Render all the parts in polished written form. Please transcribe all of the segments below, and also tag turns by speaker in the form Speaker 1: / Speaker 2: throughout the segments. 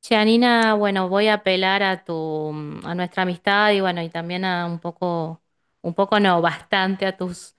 Speaker 1: Che, Anina, bueno, voy a apelar a nuestra amistad, y bueno, y también a un poco no, bastante a tus,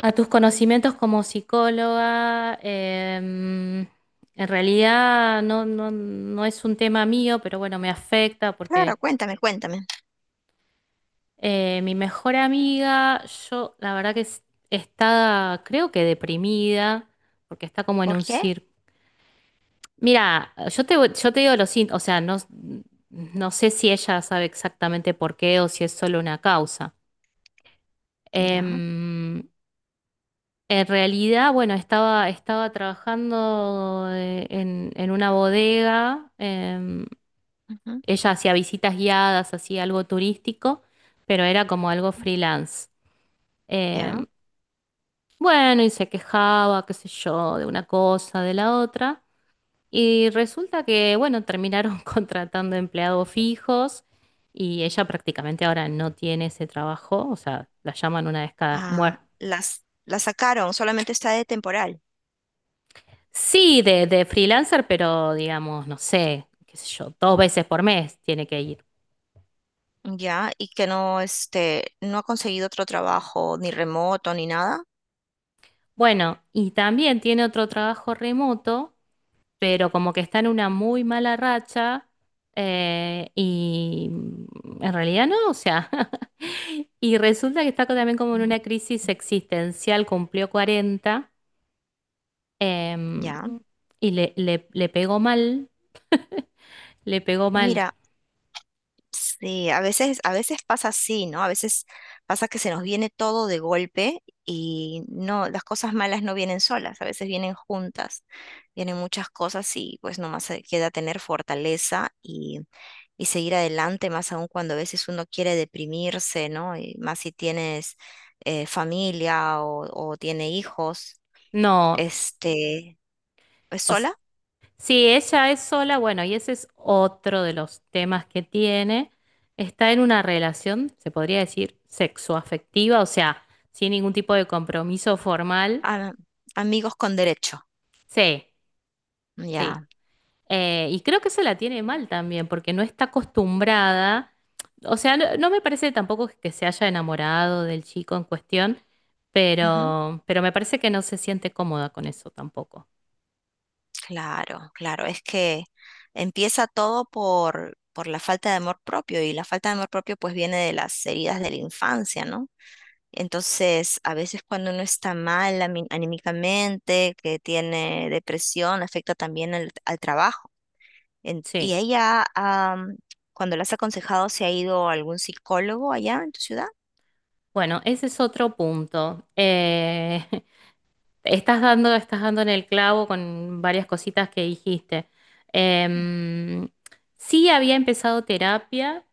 Speaker 1: a tus conocimientos como psicóloga. En realidad no es un tema mío, pero bueno, me afecta porque
Speaker 2: Claro, cuéntame, cuéntame.
Speaker 1: mi mejor amiga, yo la verdad que es- está, creo que, deprimida, porque está como en
Speaker 2: ¿Por
Speaker 1: un
Speaker 2: qué?
Speaker 1: círculo. Mira, yo te digo lo siguiente. O sea, no sé si ella sabe exactamente por qué o si es solo una causa.
Speaker 2: Ya,
Speaker 1: Em, en realidad, bueno, estaba trabajando en una bodega,
Speaker 2: ujú,
Speaker 1: ella hacía visitas guiadas, hacía algo turístico, pero era como algo freelance.
Speaker 2: ya.
Speaker 1: Em, bueno, y se quejaba, qué sé yo, de una cosa, de la otra. Y resulta que, bueno, terminaron contratando empleados fijos, y ella prácticamente ahora no tiene ese trabajo. O sea, la llaman una vez cada...
Speaker 2: Ah,
Speaker 1: muer-
Speaker 2: la sacaron, solamente está de temporal.
Speaker 1: Sí, de freelancer, pero digamos, no sé, qué sé yo, 2 veces por mes tiene que ir.
Speaker 2: Ya, y que no, este, no ha conseguido otro trabajo, ni remoto, ni nada.
Speaker 1: Bueno, y también tiene otro trabajo remoto, pero como que está en una muy mala racha, y en realidad no, o sea, y resulta que está también como en
Speaker 2: Ujú,
Speaker 1: una crisis existencial. Cumplió 40, em,
Speaker 2: ya.
Speaker 1: y le pegó mal, le pegó mal.
Speaker 2: Mira. Sí, a veces pasa así, ¿no? A veces pasa que se nos viene todo de golpe y no, las cosas malas no vienen solas, a veces vienen juntas, vienen muchas cosas y pues nomás se queda tener fortaleza y seguir adelante, más aún cuando a veces uno quiere deprimirse, ¿no? Y más si tienes familia o tiene hijos,
Speaker 1: No,
Speaker 2: este, es
Speaker 1: o s-
Speaker 2: sola,
Speaker 1: si ella es sola, bueno, y ese es otro de los temas que tiene. Está en una relación, se podría decir, sexoafectiva, o sea, sin ningún tipo de compromiso formal.
Speaker 2: a- amigos con derecho,
Speaker 1: Sí. Sí.
Speaker 2: ya.
Speaker 1: Y creo que se la tiene mal también, porque no está acostumbrada. O sea, no me parece tampoco que se haya enamorado del chico en cuestión,
Speaker 2: Ujú.
Speaker 1: pero, me parece que no se siente cómoda con eso tampoco.
Speaker 2: Claro, claro, es que empieza todo por la falta de amor propio y la falta de amor propio pues viene de las heridas de la infancia, ¿no? Entonces, a veces cuando uno está mal anímicamente, que tiene depresión, afecta también al trabajo. ¿Y
Speaker 1: Sí,
Speaker 2: ella, cuando la has aconsejado, se ha ido a algún psicólogo allá en tu ciudad?
Speaker 1: bueno, ese es otro punto. Estás dando en el clavo con varias cositas que dijiste. Em, sí, había empezado terapia,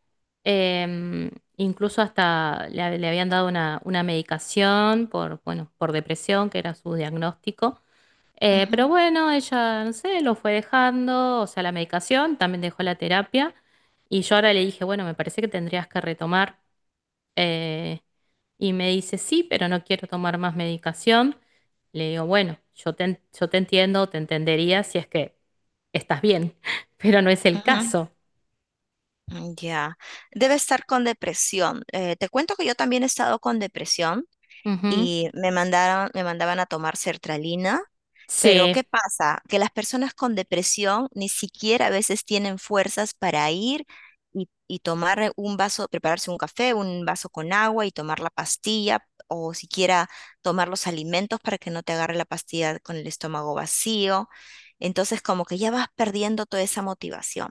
Speaker 1: em, incluso hasta le habían dado una medicación por, bueno, por depresión, que era su diagnóstico. Pero
Speaker 2: Ujú,
Speaker 1: bueno, ella, no sé, lo fue dejando, o sea, la medicación. También dejó la terapia. Y yo ahora le dije, bueno, me parece que tendrías que retomar. Eh, y me dice, sí, pero no quiero tomar más medicación. Le digo, bueno, yo te entiendo, te entendería si es que estás bien, pero no es el
Speaker 2: ujú,
Speaker 1: caso.
Speaker 2: mm, ya. Debe estar con depresión. Te cuento que yo también he estado con depresión
Speaker 1: Ujú.
Speaker 2: y me mandaban a tomar sertralina. Pero
Speaker 1: Sí.
Speaker 2: ¿qué pasa? Que las personas con depresión ni siquiera a veces tienen fuerzas para ir y tomar un vaso, prepararse un café, un vaso con agua y tomar la pastilla o siquiera tomar los alimentos para que no te agarre la pastilla con el estómago vacío. Entonces como que ya vas perdiendo toda esa motivación.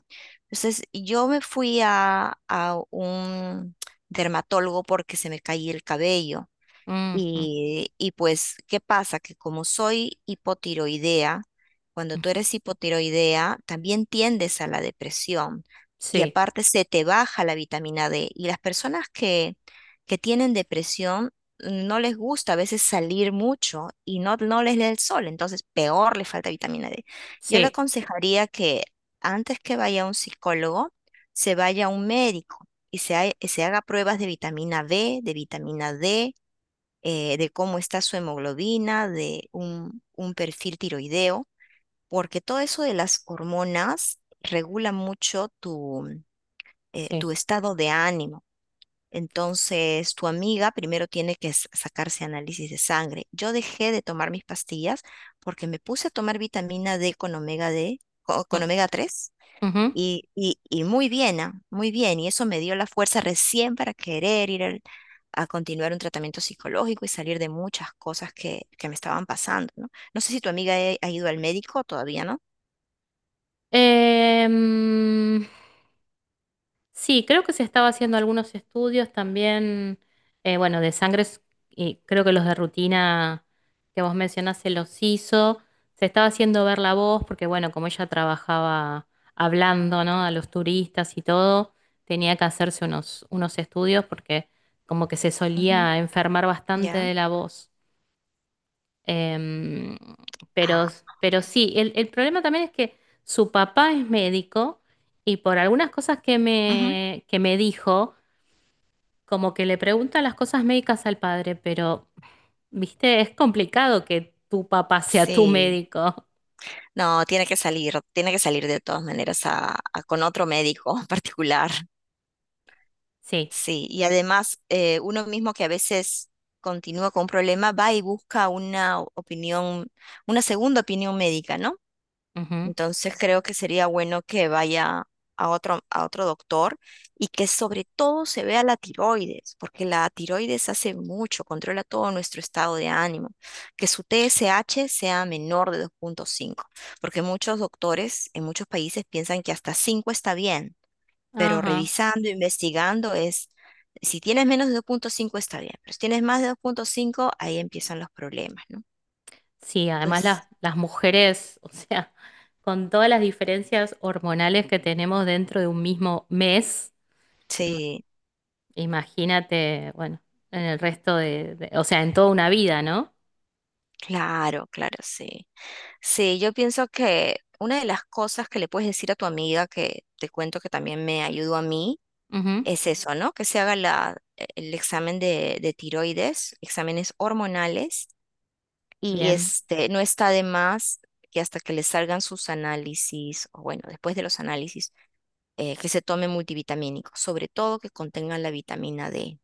Speaker 2: Entonces yo me fui a un dermatólogo porque se me caía el cabello
Speaker 1: Ujú.
Speaker 2: y pues, ¿qué pasa? Que como soy hipotiroidea, cuando tú eres hipotiroidea, también tiendes a la depresión y
Speaker 1: Sí.
Speaker 2: aparte se te baja la vitamina D. Y las personas que tienen depresión no les gusta a veces salir mucho y no, no les da el sol, entonces peor les falta vitamina D. Yo le
Speaker 1: Sí.
Speaker 2: aconsejaría que antes que vaya a un psicólogo, se vaya a un médico y se haga pruebas de vitamina B, de vitamina D de cómo está su hemoglobina, de un perfil tiroideo, porque todo eso de las hormonas regula mucho tu, eh,
Speaker 1: Sí.
Speaker 2: tu estado de ánimo. Entonces, tu amiga primero tiene que sacarse análisis de sangre. Yo dejé de tomar mis pastillas porque me puse a tomar vitamina D con omega D,
Speaker 1: Mm,
Speaker 2: con omega 3.
Speaker 1: ujú.
Speaker 2: Y muy bien, ah, muy bien. Y eso me dio la fuerza recién para querer ir a continuar un tratamiento psicológico y salir de muchas cosas que me estaban pasando, ¿no? No sé si tu amiga ha ido al médico todavía, ¿no?
Speaker 1: Em, Sí, creo que se estaba haciendo algunos estudios también, bueno, de sangre, y creo que los de rutina que vos mencionás se los hizo. Se estaba haciendo ver la voz, porque bueno, como ella trabajaba hablando, ¿no? A los turistas y todo, tenía que hacerse unos estudios porque como que se
Speaker 2: Ujú.
Speaker 1: solía enfermar bastante
Speaker 2: ¿Ya?
Speaker 1: de la voz. Em, pero,
Speaker 2: Ah,
Speaker 1: pero sí, el problema también es que su papá es médico, y por algunas cosas que
Speaker 2: ujú,
Speaker 1: me, que me dijo, como que le pregunta las cosas médicas al padre. Pero, viste, es complicado que tu papá sea tu
Speaker 2: sí.
Speaker 1: médico.
Speaker 2: No, tiene que salir de todas maneras con otro médico particular.
Speaker 1: Sí.
Speaker 2: Sí, y además uno mismo que a veces continúa con un problema va y busca una opinión, una segunda opinión médica, ¿no?
Speaker 1: Ujú.
Speaker 2: Entonces creo que sería bueno que vaya a otro doctor y que sobre todo se vea la tiroides, porque la tiroides hace mucho, controla todo nuestro estado de ánimo. Que su TSH sea menor de 2,5 porque muchos doctores en muchos países piensan que hasta 5 está bien, pero
Speaker 1: Ajá.
Speaker 2: revisando, investigando es, si tienes menos de 2,5 está bien, pero si tienes más de 2,5 ahí empiezan los problemas, ¿no?
Speaker 1: Sí, además
Speaker 2: Entonces,
Speaker 1: las mujeres, o sea, con todas las diferencias hormonales que tenemos dentro de un mismo mes.
Speaker 2: sí,
Speaker 1: Imagínate, bueno, en el resto de, o sea, en toda una vida, ¿no?
Speaker 2: claro, claro, sí. Sí, yo pienso que una de las cosas que le puedes decir a tu amiga, que te cuento que también me ayudó a mí,
Speaker 1: Ujú.
Speaker 2: es eso, ¿no? Que se haga el examen de tiroides, exámenes hormonales, y
Speaker 1: Bien.
Speaker 2: este, no está de más que hasta que le salgan sus análisis, o bueno, después de los análisis, que se tome multivitamínicos, sobre todo que contengan la vitamina D.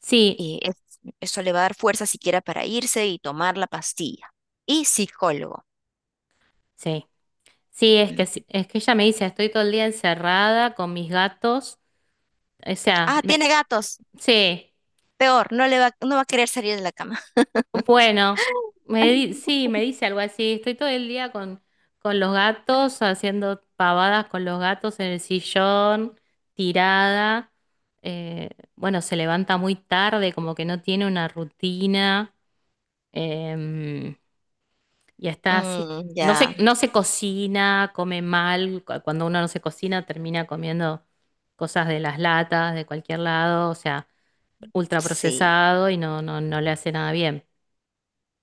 Speaker 1: Sí,
Speaker 2: Y eso le va a dar fuerza siquiera para irse y tomar la pastilla. Y psicólogo.
Speaker 1: sí. Sí, es que
Speaker 2: Ujú.
Speaker 1: es que ella me dice, estoy todo el día encerrada con mis gatos. O sea,
Speaker 2: Ah, tiene gatos.
Speaker 1: sí,
Speaker 2: Peor, no va a querer salir de la cama.
Speaker 1: bueno, sí, me dice algo así, estoy todo el día con, los gatos, haciendo pavadas con los gatos en el sillón, tirada. Eh, bueno, se levanta muy tarde, como que no tiene una rutina. Em, Ya está así.
Speaker 2: Mm,
Speaker 1: No se,
Speaker 2: ya,
Speaker 1: no se cocina, come mal. Cuando uno no se cocina, termina comiendo cosas de las latas, de cualquier lado. O sea, ultra
Speaker 2: sí.
Speaker 1: procesado, y no le hace nada bien.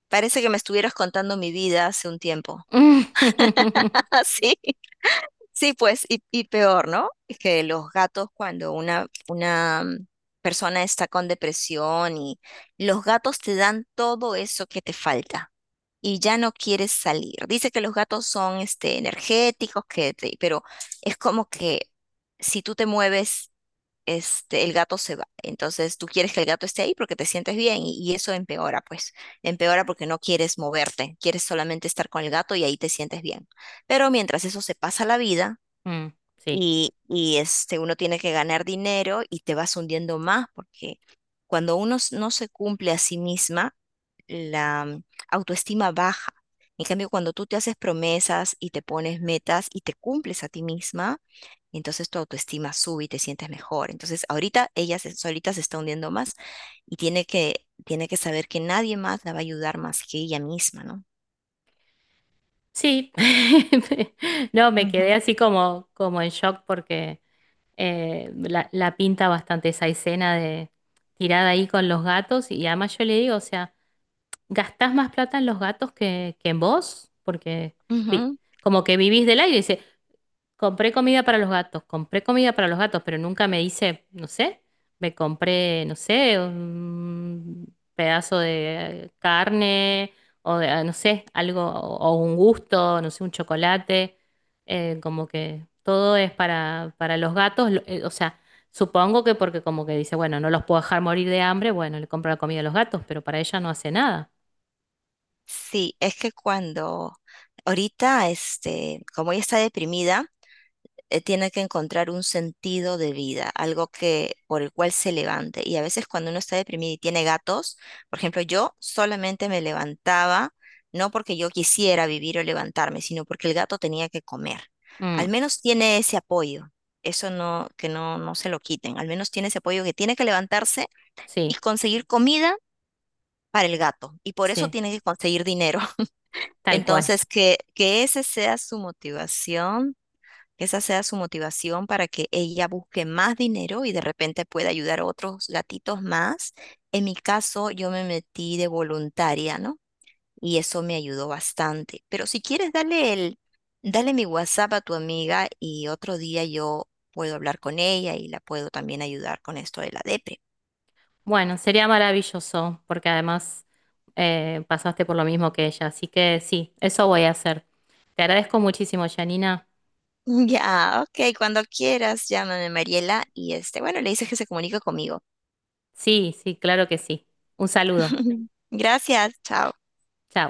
Speaker 2: Parece que me estuvieras contando mi vida hace un tiempo. Ah, sí, sí, pues, y peor, ¿no? Es que los gatos, cuando una persona está con depresión y los gatos te dan todo eso que te falta y ya no quieres salir. Dice que los gatos son, este, energéticos, pero es como que si tú te mueves este, el gato se va. Entonces tú quieres que el gato esté ahí porque te sientes bien y eso empeora, pues, empeora porque no quieres moverte, quieres solamente estar con el gato y ahí te sientes bien. Pero mientras eso se pasa la vida
Speaker 1: Mm, sí,
Speaker 2: y este, uno tiene que ganar dinero y te vas hundiendo más porque cuando uno no se cumple a sí misma, la autoestima baja. En cambio, cuando tú te haces promesas y te pones metas y te cumples a ti misma, entonces tu autoestima sube y te sientes mejor. Entonces, ahorita ella solita se está hundiendo más y tiene que saber que nadie más la va a ayudar más que ella misma, ¿no?
Speaker 1: sí. No, me
Speaker 2: Ujú,
Speaker 1: quedé así como, en shock, porque la pinta bastante esa escena de tirada ahí con los gatos. Y además yo le digo, o sea, gastás más plata en los gatos que en vos, porque vi-
Speaker 2: ujú.
Speaker 1: como que vivís del aire. Dice, compré comida para los gatos, compré comida para los gatos, pero nunca me dice, no sé, me compré, no sé, un pedazo de carne, o de, no sé, algo, o, un gusto, no sé, un chocolate. Como que todo es para, los gatos, o sea. Supongo que porque como que dice, bueno, no los puedo dejar morir de hambre, bueno, le compro la comida a los gatos, pero para ella no hace nada.
Speaker 2: Sí, es que cuando ahorita, este, como ella está deprimida, tiene que encontrar un sentido de vida, algo que por el cual se levante. Y a veces cuando uno está deprimido y tiene gatos, por ejemplo, yo solamente me levantaba, no porque yo quisiera vivir o levantarme, sino porque el gato tenía que comer. Al
Speaker 1: Mm.
Speaker 2: menos tiene ese apoyo. Eso no, que no, no se lo quiten. Al menos tiene ese apoyo que tiene que levantarse y
Speaker 1: Sí,
Speaker 2: conseguir comida para el gato. Y por eso
Speaker 1: sí,
Speaker 2: tiene que conseguir dinero.
Speaker 1: tal cual.
Speaker 2: Entonces, que ese sea su motivación, esa sea su motivación para que ella busque más dinero y de repente pueda ayudar a otros gatitos más. En mi caso, yo me metí de voluntaria, ¿no? Y eso me ayudó bastante. Pero si quieres, dale mi WhatsApp a tu amiga y otro día yo puedo hablar con ella y la puedo también ayudar con esto de la depre.
Speaker 1: Bueno, sería maravilloso, porque además pasaste por lo mismo que ella, así que sí, eso voy a hacer. Te agradezco muchísimo, Janina.
Speaker 2: Ya, ok, cuando quieras, llámame Mariela y este, bueno, le dices que se comunique conmigo.
Speaker 1: Sí, sí, claro que sí. Un saludo.
Speaker 2: Gracias, chao.
Speaker 1: Chao.